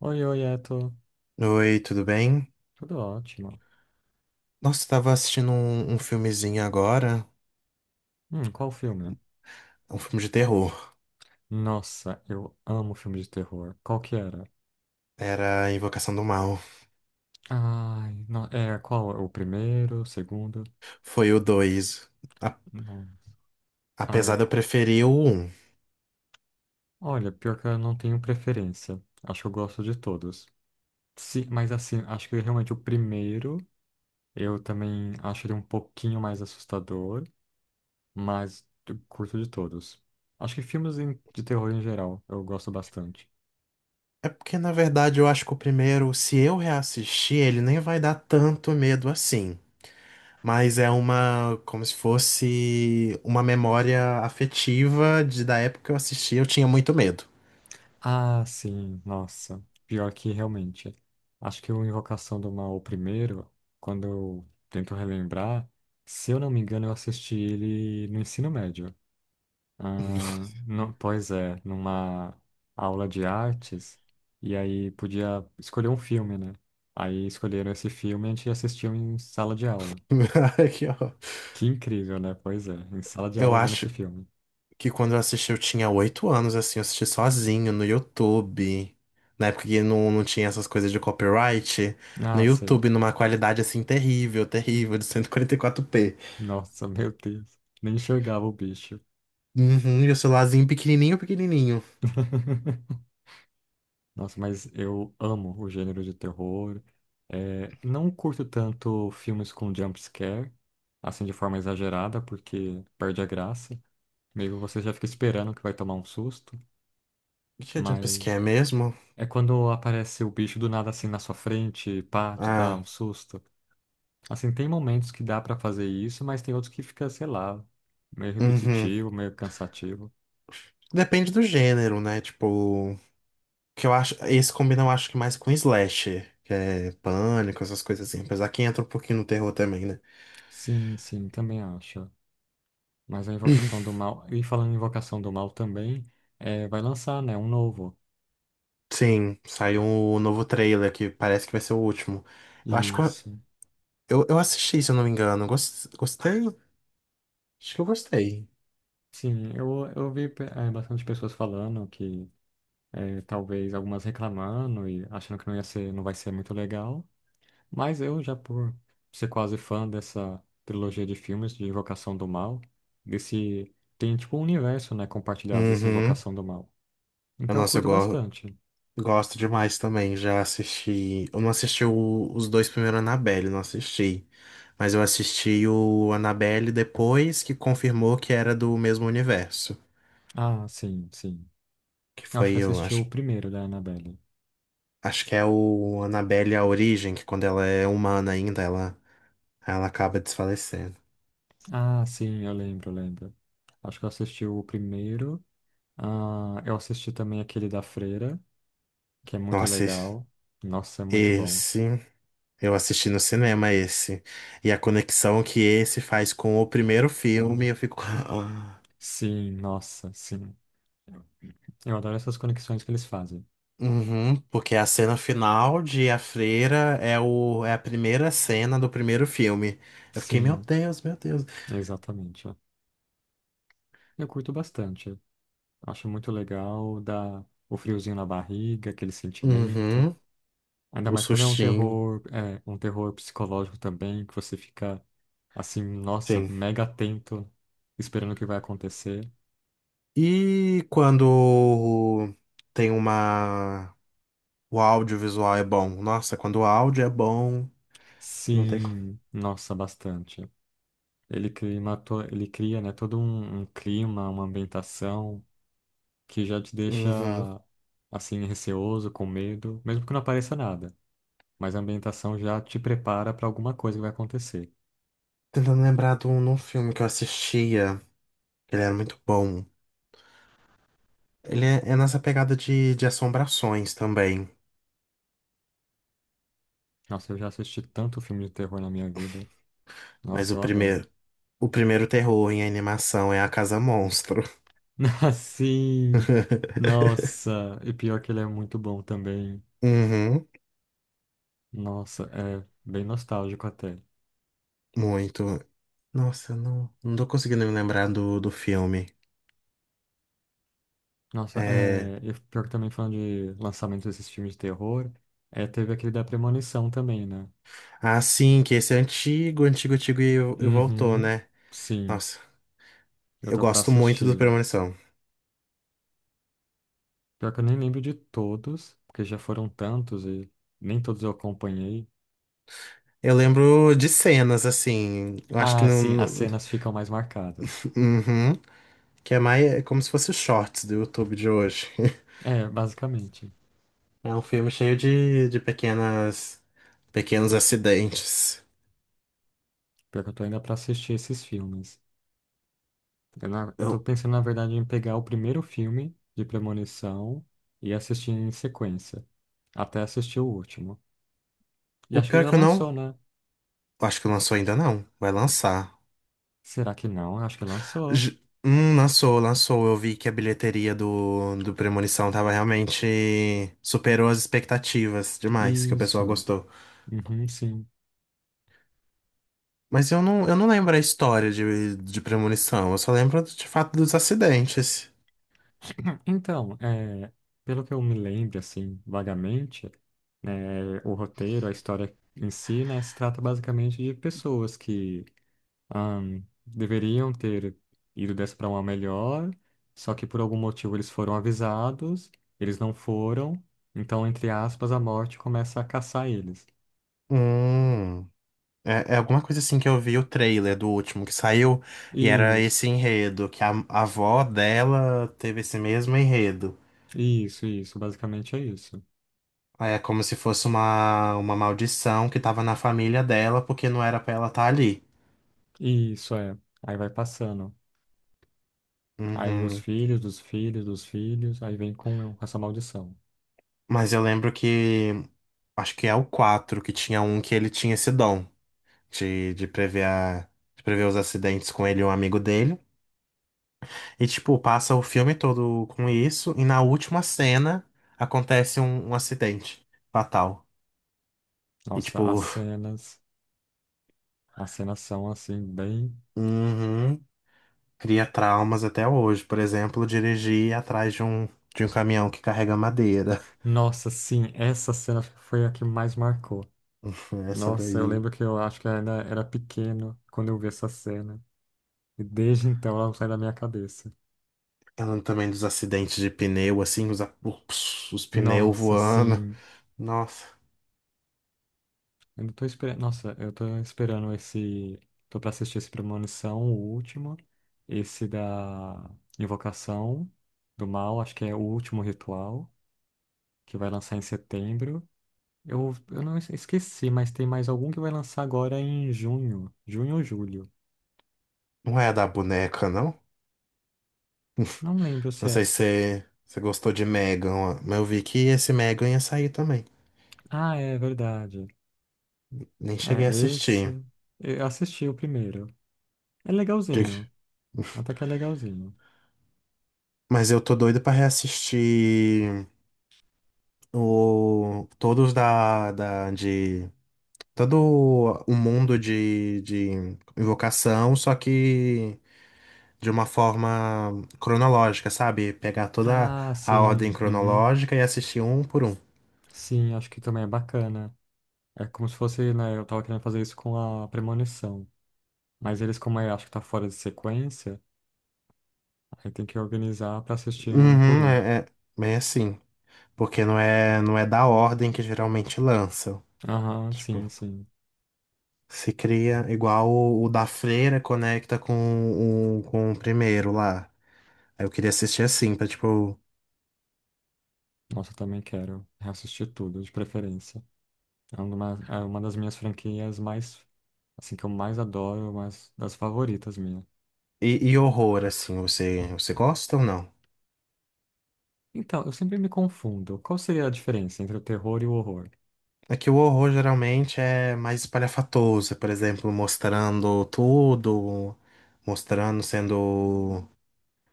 Oi, oi, é, tô. Oi, tudo bem? Tudo ótimo. Nossa, eu tava assistindo um filmezinho agora, Qual filme? um filme de terror. Nossa, eu amo filme de terror. Qual que era? Era Invocação do Mal. Ai, não, é, qual? O primeiro, o segundo? Foi o 2. A- Nossa. Ai, Apesar de eu eu- preferir o um. Olha, pior que eu não tenho preferência. Acho que eu gosto de todos. Sim, mas assim, acho que realmente o primeiro, eu também acho ele um pouquinho mais assustador, mas eu curto de todos. Acho que filmes de terror em geral, eu gosto bastante. É porque, na verdade, eu acho que o primeiro, se eu reassistir, ele nem vai dar tanto medo assim. Mas é uma, como se fosse uma memória afetiva de da época que eu assisti, eu tinha muito medo. Ah, sim, nossa. Pior que realmente. Acho que o Invocação do Mal, o primeiro, quando eu tento relembrar, se eu não me engano, eu assisti ele no ensino médio. Ah, não, pois é, numa aula de artes, e aí podia escolher um filme, né? Aí escolheram esse filme e a gente assistiu em sala de aula. Que ó, Que incrível, né? Pois é, em sala de Eu aula vendo esse acho, filme. Que quando eu assisti eu tinha 8 anos, assim, eu assisti sozinho no YouTube. Na época que não tinha essas coisas de copyright. No Ah, sei. YouTube, numa qualidade, assim, terrível, terrível, de 144p. Nossa, meu Deus. Nem enxergava o bicho. Uhum, e o celularzinho pequenininho, pequenininho. Nossa, mas eu amo o gênero de terror. É, não curto tanto filmes com jump scare, assim de forma exagerada, porque perde a graça. Meio você já fica esperando que vai tomar um susto, O que é mas jumpscare mesmo? é quando aparece o bicho do nada assim na sua frente, pá, te dá Ah, um susto. Assim, tem momentos que dá pra fazer isso, mas tem outros que fica, sei lá, meio uhum. repetitivo, meio cansativo. Depende do gênero, né? Tipo, que eu acho... Esse combina, eu acho que mais com slasher, que é pânico, essas coisas assim. Apesar que entra um pouquinho no terror também, né? Sim, sim, também acho. Mas a Invocação do Mal, e falando em Invocação do Mal também, é, vai lançar, né, um novo. Sim, saiu um novo trailer que parece que vai ser o último. Eu acho que Isso. Eu assisti, se eu não me engano. Gostei? Acho que eu gostei. Sim, eu vi bastante pessoas falando que é, talvez algumas reclamando e achando que não ia ser, não vai ser muito legal. Mas eu já por ser quase fã dessa trilogia de filmes de Invocação do Mal, desse tem tipo um universo, né, compartilhado desse Uhum. Invocação do Mal. Então eu Nossa, curto bastante. gosto demais também. Já assisti. Eu não os dois primeiros Annabelle, não assisti. Mas eu assisti o Annabelle depois que confirmou que era do mesmo universo. Ah, sim, sim. Que Eu acho foi, que eu assisti o acho. primeiro da Annabelle. Acho que é o Annabelle A Origem, que quando ela é humana ainda, ela acaba desfalecendo. Ah, sim, eu lembro, eu lembro. Acho que eu assisti o primeiro. Ah, eu assisti também aquele da Freira, que é muito Nossa, esse- legal. Nossa, é muito bom. Esse, eu assisti no cinema esse. E a conexão que esse faz com o primeiro filme, eu fico. "Ah". Sim, nossa, sim. Eu adoro essas conexões que eles fazem. Uhum, porque a cena final de A Freira é, o, é a primeira cena do primeiro filme. Eu fiquei, meu Sim, Deus, meu Deus. exatamente. Eu curto bastante. Acho muito legal, dá o friozinho na barriga, aquele sentimento. Uhum, Ainda o mais quando sustinho. É, um terror psicológico também, que você fica assim, nossa, Sim. mega atento, esperando o que vai acontecer. E quando tem uma. O audiovisual é bom. Nossa, quando o áudio é bom, não tem. Sim, nossa, bastante. Ele cria, né, todo um clima, uma ambientação que já te deixa Uhum. assim receoso, com medo, mesmo que não apareça nada. Mas a ambientação já te prepara para alguma coisa que vai acontecer. Tentando lembrar de um filme que eu assistia. Ele era muito bom. Ele é, é nessa pegada de assombrações também. Nossa, eu já assisti tanto filme de terror na minha vida. Mas Nossa, o eu adoro. primeiro, o primeiro terror em animação é a Casa Monstro. Sim. Nossa, e pior que ele é muito bom também. Uhum, Nossa, é bem nostálgico até. muito. Nossa, eu não tô conseguindo me lembrar do filme. Nossa, É... é, e pior que também falando de lançamento desses filmes de terror, é, teve aquele da Premonição também, né? Ah, sim, que esse é antigo, antigo, antigo e voltou, Uhum, né? sim, Nossa, eu eu tô pra gosto muito do assistir. Premonição. Pior que eu nem lembro de todos, porque já foram tantos e nem todos eu acompanhei. Eu lembro de cenas, assim, eu acho que Ah, sim, as não... cenas ficam mais marcadas. Uhum, que é mais é como se fosse os shorts do YouTube de hoje. É, basicamente. É um filme cheio de pequenas, pequenos acidentes. Pior que eu tô ainda pra assistir esses filmes. Eu tô Eu- pensando, na verdade, em pegar o primeiro filme de Premonição e assistir em sequência, até assistir o último. E o acho que pior é já que eu lançou, não. né? Acho que lançou ainda não. Vai lançar. Será que não? Acho que lançou. J- lançou, lançou. Eu vi que a bilheteria do Premonição tava realmente. Superou as expectativas demais, que o pessoal Isso. gostou. Uhum, sim. Mas eu não lembro a história de Premonição. Eu só lembro de fato dos acidentes. Então, é, pelo que eu me lembro, assim, vagamente, né, o roteiro, a história em si, né, se trata basicamente de pessoas que deveriam ter ido dessa para uma melhor, só que por algum motivo eles foram avisados, eles não foram, então, entre aspas, a morte começa a caçar eles. Hum. É, é alguma coisa assim que eu vi o trailer do último que saiu, e era Isso, esse enredo, que a avó dela teve esse mesmo enredo. isso, basicamente é isso. É como se fosse uma maldição que tava na família dela, porque não era pra ela estar ali. Isso é. Aí vai passando. Aí os Uhum. filhos dos filhos dos filhos, aí vem com essa maldição. Mas eu lembro que, acho que é o 4 que tinha um que ele tinha esse dom de de prever os acidentes com ele e um amigo dele. E, tipo, passa o filme todo com isso, e na última cena acontece um acidente fatal. E Nossa, as tipo, cenas, as cenas são assim, bem. uhum, cria traumas até hoje. Por exemplo, dirigir atrás de um caminhão que carrega madeira. Nossa, sim, essa cena foi a que mais marcou. Essa Nossa, eu daí. lembro que eu acho que eu ainda era pequeno quando eu vi essa cena. E desde então ela não sai da minha cabeça. Falando também dos acidentes de pneu, assim, os pneus Nossa, voando. sim. Nossa, Eu não tô esperando. Nossa, eu tô esperando esse. Tô pra assistir esse Premonição, o último. Esse da Invocação do Mal, acho que é o último ritual, que vai lançar em setembro. Eu não esqueci, mas tem mais algum que vai lançar agora em junho. Junho ou julho? não é a da boneca, não? Não lembro Não se é. sei se você gostou de Megan, ó, mas eu vi que esse Megan ia sair também. Ah, é verdade. Nem cheguei a É, assistir. esse. Eu assisti o primeiro. É Que- legalzinho. Até que é legalzinho. Mas eu tô doido pra reassistir o... todos de todo um mundo de invocação, só que de uma forma cronológica, sabe? Pegar toda Ah, a ordem sim. Uhum. cronológica e assistir um por um. Sim, acho que também é bacana. É como se fosse, né? Eu tava querendo fazer isso com a premonição. Mas eles, como eu acho que tá fora de sequência, aí tem que organizar pra assistir um por Uhum, um. é, é bem assim. Porque não é da ordem que geralmente lançam. Aham, Tipo, sim, sim. se cria igual o da Freira conecta com com o primeiro lá. Aí eu queria assistir assim, pra tipo. Nossa, eu também quero reassistir tudo, de preferência. É uma das minhas franquias mais, assim, que eu mais adoro, mais das favoritas minhas. E horror, assim, você gosta ou não? Então, eu sempre me confundo. Qual seria a diferença entre o terror e o horror? É que o horror geralmente é mais espalhafatoso, por exemplo, mostrando tudo, mostrando sendo.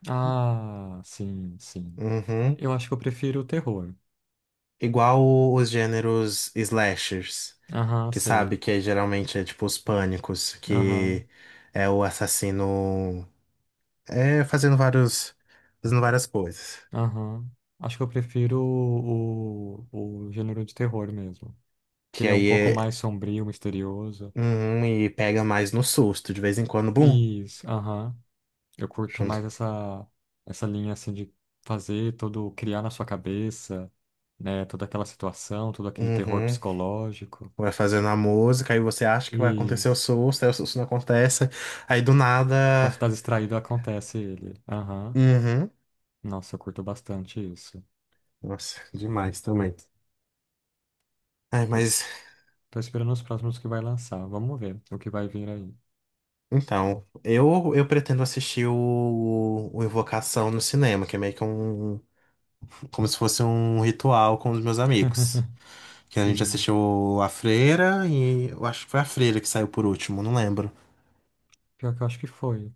Ah, sim, sim. Uhum. Eu acho que eu prefiro o terror. Os gêneros slashers, Aham, que sabe sei. Geralmente é tipo os pânicos, Aham, que é o assassino é fazendo várias coisas. aham. Acho que eu prefiro o gênero de terror mesmo. Que Que ele é um aí pouco é. mais sombrio, misterioso. Uhum, e pega mais no susto, de vez em quando, bum, Isso, aham. Eu curto junto. mais essa linha assim de fazer todo, criar na sua cabeça, né? Toda aquela situação, todo aquele terror Uhum. psicológico. Vai fazendo a música, aí você acha que vai acontecer o Isso. susto, aí o susto não acontece, aí do Quando nada. você tá distraído, acontece ele. Aham. Uhum. Nossa, eu curto bastante isso. Nossa, demais também. Ai, Tô, es- mas tô esperando os próximos que vai lançar. Vamos ver o que vai vir aí. então, eu pretendo assistir o Invocação no cinema, que é meio que um, como se fosse um ritual com os meus amigos. Que a gente Sim. assistiu a Freira e eu acho que foi a Freira que saiu por último, não lembro. Pior que eu acho que foi.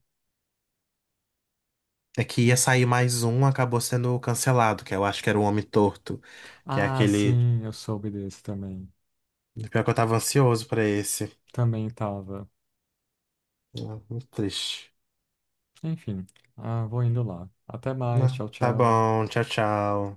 É que ia Hum. sair mais um, acabou sendo cancelado, que eu acho que era o Homem Torto, que é Ah, aquele. sim, eu soube desse também. Pior que eu tava ansioso pra esse. Também tava. Ah, muito triste. Enfim. Ah, vou indo lá. Até mais. Ah, Tchau, tá tchau. bom, tchau, tchau.